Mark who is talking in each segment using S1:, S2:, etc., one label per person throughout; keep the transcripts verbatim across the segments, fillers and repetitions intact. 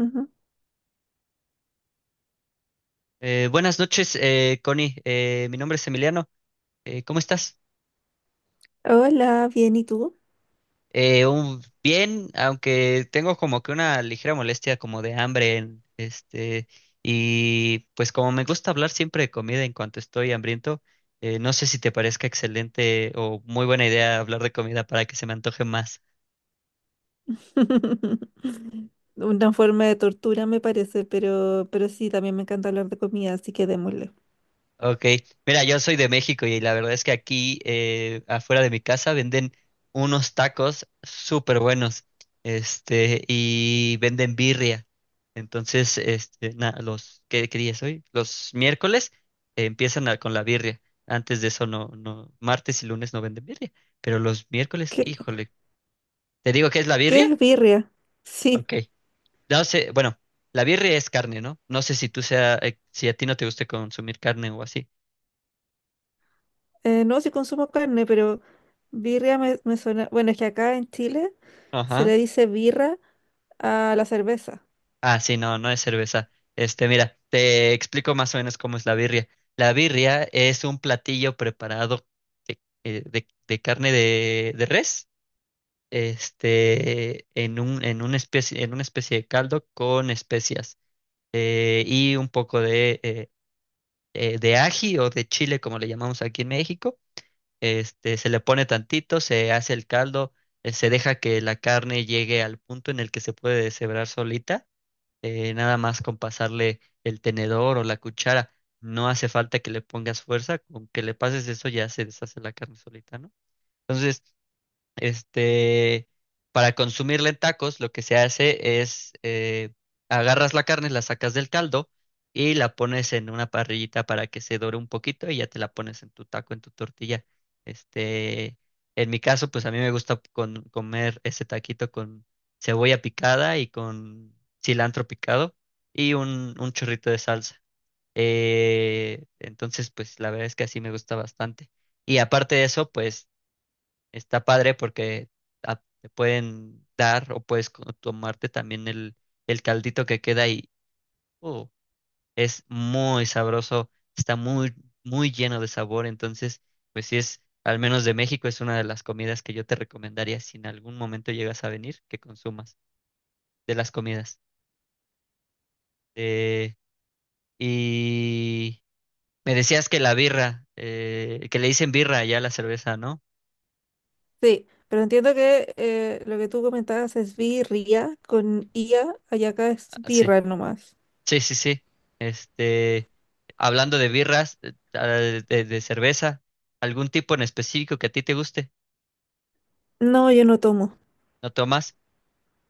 S1: Ujú.
S2: Eh, buenas noches, eh, Connie. Eh, mi nombre es Emiliano. Eh, ¿cómo estás?
S1: Hola, bien, ¿y tú?
S2: Eh, un- bien, aunque tengo como que una ligera molestia como de hambre, en- este, y pues como me gusta hablar siempre de comida en cuanto estoy hambriento, eh, no sé si te parezca excelente o muy buena idea hablar de comida para que se me antoje más.
S1: Una forma de tortura me parece, pero, pero sí, también me encanta hablar de comida, así que démosle.
S2: Ok, mira, yo soy de México y la verdad es que aquí eh, afuera de mi casa venden unos tacos súper buenos, este, y venden birria. Entonces, este, na- los, ¿qué, qué día es hoy? Los miércoles eh, empiezan a- con la birria. Antes de eso no, no, martes y lunes no venden birria, pero los miércoles,
S1: ¿Qué,
S2: híjole, ¿te digo qué es la
S1: qué
S2: birria?
S1: es birria? Sí,
S2: Ok, no sé, bueno, la birria es carne, ¿no? No sé si tú sea, eh, si a ti no te guste consumir carne o así.
S1: eh, no, sí consumo carne, pero birria me, me suena. Bueno, es que acá en Chile se
S2: Ajá.
S1: le dice birra a la cerveza.
S2: Ah, sí, no, no es cerveza. Este, mira, te explico más o menos cómo es la birria. La birria es un platillo preparado de, eh, de- de carne de, de res, este, en un, en una especie, en una especie de caldo con especias eh, y un poco de, eh, eh, de ají o de chile, como le llamamos aquí en México. Este, se le pone tantito, se hace el caldo, eh, se deja que la carne llegue al punto en el que se puede deshebrar solita eh, nada más con pasarle el tenedor o la cuchara. No hace falta que le pongas fuerza, con que le pases eso ya se deshace la carne solita, ¿no? Entonces, este, para consumirla en tacos, lo que se hace es eh, agarras la carne, la sacas del caldo y la pones en una parrillita para que se dore un poquito y ya te la pones en tu taco, en tu tortilla. Este, en mi caso, pues a mí me gusta con- comer ese taquito con cebolla picada y con cilantro picado y un, un chorrito de salsa. Eh, entonces, pues la verdad es que así me gusta bastante. Y aparte de eso, pues está padre porque ah, te pueden dar o puedes co- tomarte también el, el caldito que queda y uh, es muy sabroso, está muy, muy lleno de sabor. Entonces, pues si es, al menos de México, es una de las comidas que yo te recomendaría si en algún momento llegas a venir, que consumas de las comidas. Eh, y me decías que la birra, eh, que le dicen birra ya a la cerveza, ¿no?
S1: Sí, pero entiendo que eh, lo que tú comentabas es birria con ia, allá acá es
S2: Ah, sí.
S1: birra nomás.
S2: Sí, sí, sí. Este, hablando de birras, eh, ah, de, de cerveza, algún tipo en específico que a ti te guste,
S1: No, yo no tomo.
S2: ¿no tomas?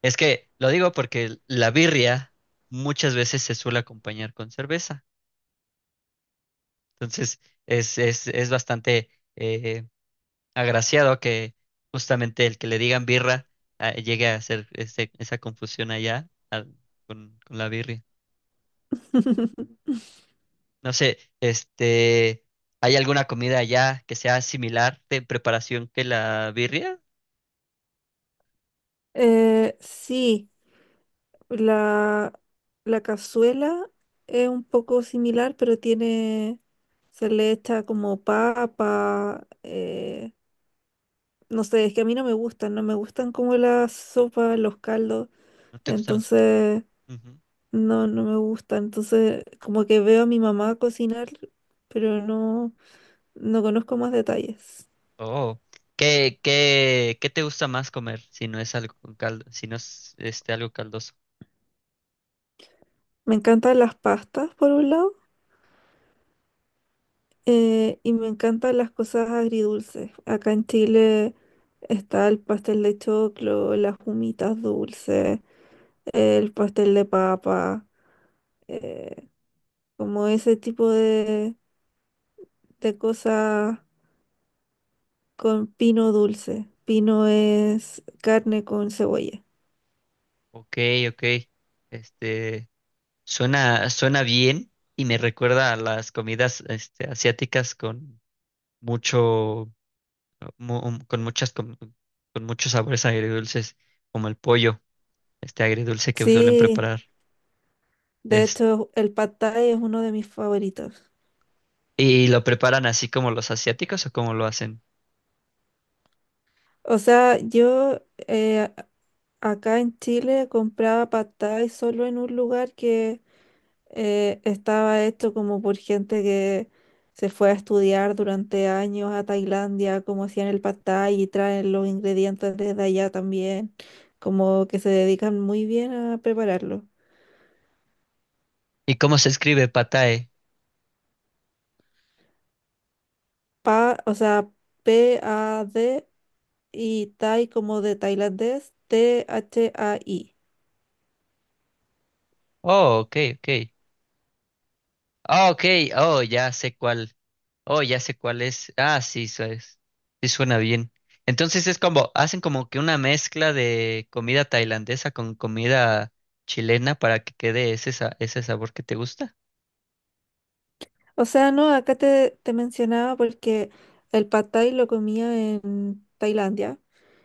S2: Es que lo digo porque la birria muchas veces se suele acompañar con cerveza. Entonces, es, es, es bastante eh, agraciado que justamente el que le digan birra ah, llegue a hacer ese- esa confusión allá ah, con, con la birria. No sé, este, ¿hay alguna comida allá que sea similar de preparación que la birria?
S1: Eh, sí. La, la cazuela es un poco similar, pero tiene, se le echa como papa, eh, no sé, es que a mí no me gustan, no me gustan como las sopas, los caldos,
S2: ¿No te gustan las?
S1: entonces
S2: Ujú.
S1: no, no me gusta, entonces como que veo a mi mamá cocinar, pero no, no conozco más detalles.
S2: Oh, ¿qué, qué, qué te gusta más comer si no es algo con caldo, si no es este algo caldoso?
S1: Me encantan las pastas por un lado. Eh, y me encantan las cosas agridulces. Acá en Chile está el pastel de choclo, las humitas dulces, el pastel de papa, eh, como ese tipo de, de cosas con pino dulce. Pino es carne con cebolla.
S2: Ok, ok. Este, suena, suena bien y me recuerda a las comidas este, asiáticas con mucho, mu- con muchas, com- con, muchos sabores agridulces, como el pollo, este agridulce que suelen
S1: Sí,
S2: preparar.
S1: de hecho el pad thai es uno de mis favoritos.
S2: ¿Y lo preparan así como los asiáticos o cómo lo hacen?
S1: O sea, yo eh, acá en Chile compraba pad thai solo en un lugar que eh, estaba hecho como por gente que se fue a estudiar durante años a Tailandia, como hacían el pad thai y traen los ingredientes desde allá también, como que se dedican muy bien a prepararlo.
S2: ¿Y cómo se escribe patae?
S1: Pa, o sea, P-A-D y Thai como de tailandés, T-H-A-I.
S2: Oh, ok, ok. Ah, ok, oh, ya sé cuál. Oh, ya sé cuál es. Ah, sí, su- es- sí suena bien. Entonces es como, hacen como que una mezcla de comida tailandesa con comida chilena para que quede ese, sa- ese sabor que te gusta.
S1: O sea, no, acá te, te mencionaba porque el pad thai lo comía en Tailandia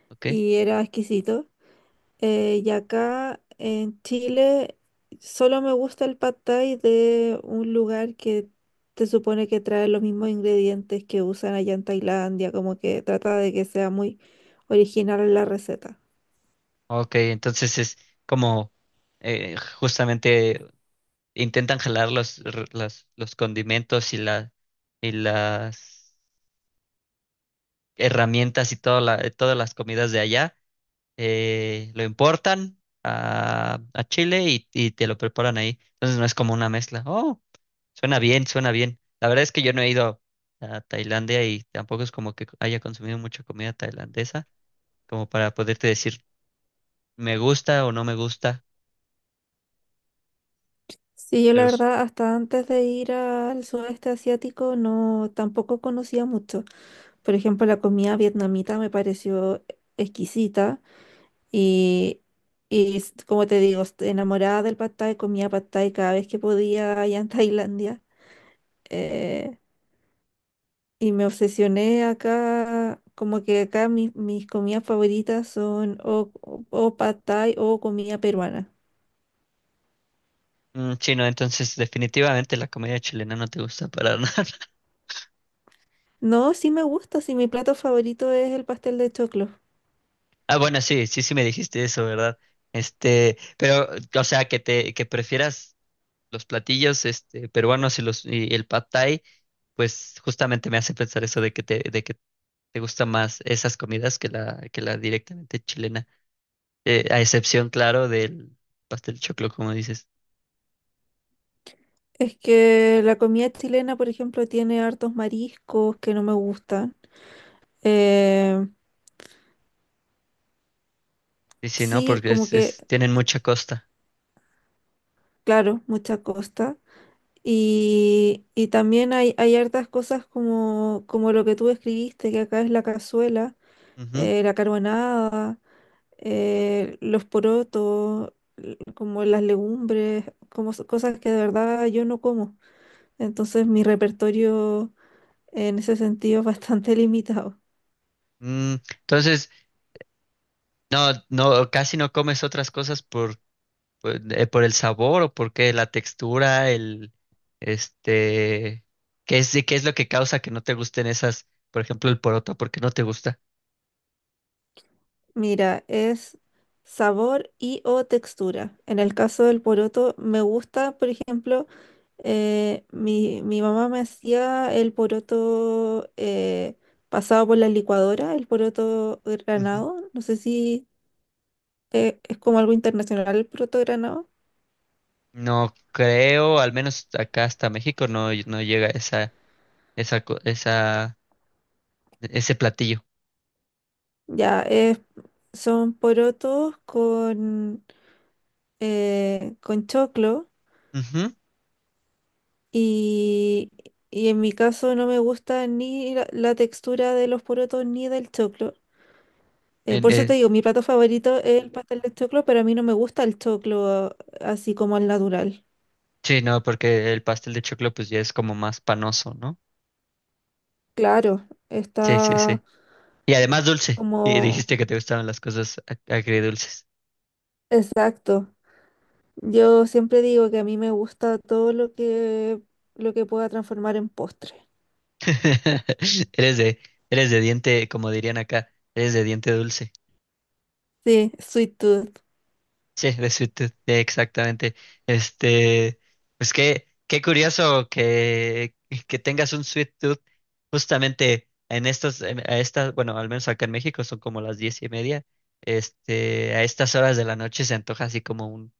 S2: Ok,
S1: y era exquisito. Eh, y acá en Chile solo me gusta el pad thai de un lugar que se supone que trae los mismos ingredientes que usan allá en Tailandia, como que trata de que sea muy original la receta.
S2: ok, entonces es como eh, justamente intentan jalar los, r- las- los condimentos y la, y las herramientas y toda la- todas las comidas de allá, eh, lo importan a, a Chile y, y te lo preparan ahí. Entonces no es como una mezcla. Oh, suena bien, suena bien. La verdad es que yo no he ido a Tailandia y tampoco es como que haya consumido mucha comida tailandesa, como para poderte decir me gusta o no me gusta,
S1: Sí, yo la
S2: pero s-
S1: verdad hasta antes de ir al sudeste asiático no tampoco conocía mucho. Por ejemplo, la comida vietnamita me pareció exquisita. Y, y s- como te digo, est- enamorada del pad thai, comía pad thai cada vez que podía allá en Tailandia. eh, y me obsesioné acá, como que acá mis, mis comidas favoritas son o, o, o pad thai o comida peruana.
S2: mm, sí, no, entonces definitivamente la comida chilena no te gusta para nada.
S1: No, sí me gusta, sí mi plato favorito es el pastel de choclo.
S2: Ah, bueno, sí, sí, sí me dijiste eso, ¿verdad? Este, pero, o sea, que te, que prefieras los platillos este, peruanos y, los, y el pad thai, pues justamente me hace pensar eso de que te, de que te gustan más esas comidas que la, que la directamente chilena. Eh, a excepción, claro, del pastel de choclo, como dices.
S1: Es que la comida chilena, por ejemplo, tiene hartos mariscos que no me gustan. Eh,
S2: Y sí, ¿no?
S1: sí,
S2: Porque
S1: como
S2: es,
S1: que,
S2: es- tienen mucha costa.
S1: claro, mucha costa. Y, y también hay, hay hartas cosas como, como lo que tú escribiste, que acá es la cazuela,
S2: Ujú.
S1: eh, la carbonada, eh, los porotos, l- como las legumbres, como s- cosas que de verdad yo no como. Entonces mi repertorio en ese sentido es bastante limitado.
S2: Mm, entonces, no, no, casi no comes otras cosas por, por, eh, por el sabor o porque la textura, el, este, ¿qué es, qué es lo que causa que no te gusten esas, por ejemplo, el poroto, porque no te gusta?
S1: Mira, es sabor y o textura. En el caso del poroto, me gusta, por ejemplo, eh, mi, mi mamá me hacía el poroto eh, pasado por la licuadora, el poroto
S2: Ujú.
S1: granado. No sé si eh, es como algo internacional el poroto granado.
S2: No creo, al menos acá hasta México no, no llega esa, esa, co- esa, ese platillo.
S1: Ya, es, son porotos con, eh, con choclo
S2: Ujú.
S1: y, y en mi caso no me gusta ni la, la textura de los porotos ni del choclo. Eh,
S2: En-
S1: por eso
S2: eh,
S1: te digo, mi plato favorito es el pastel de choclo, pero a mí no me gusta el choclo así como al natural.
S2: sí, no, porque el pastel de choclo pues ya es como más panoso, ¿no?
S1: Claro,
S2: Sí, sí, sí.
S1: está
S2: Y además dulce. Y
S1: como
S2: dijiste que te gustaban las cosas ag- agridulces.
S1: exacto. Yo siempre digo que a mí me gusta todo lo que lo que pueda transformar en postre.
S2: Eres de, eres de diente, como dirían acá, eres de diente dulce.
S1: Sí, sweet tooth.
S2: Sí, de Suited, sí, exactamente. Este, pues qué, qué curioso que, que tengas un Sweet Tooth justamente en estas, en- a estas, bueno, al menos acá en México son como las diez y media. Este, a estas horas de la noche se antoja así como un,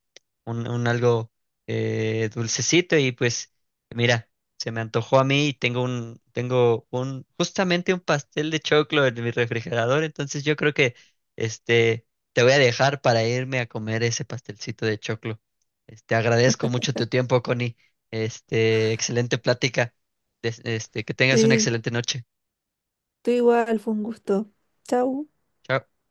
S2: un, un algo eh, dulcecito y pues mira, se me antojó a mí y tengo un, tengo un, justamente un pastel de choclo en mi refrigerador, entonces yo creo que este, te voy a dejar para irme a comer ese pastelcito de choclo. Este, agradezco mucho tu tiempo, Connie. Este, excelente plática. Des- Este, que tengas una
S1: Sí,
S2: excelente noche.
S1: tú igual, fue un gusto. Chau.
S2: Chao.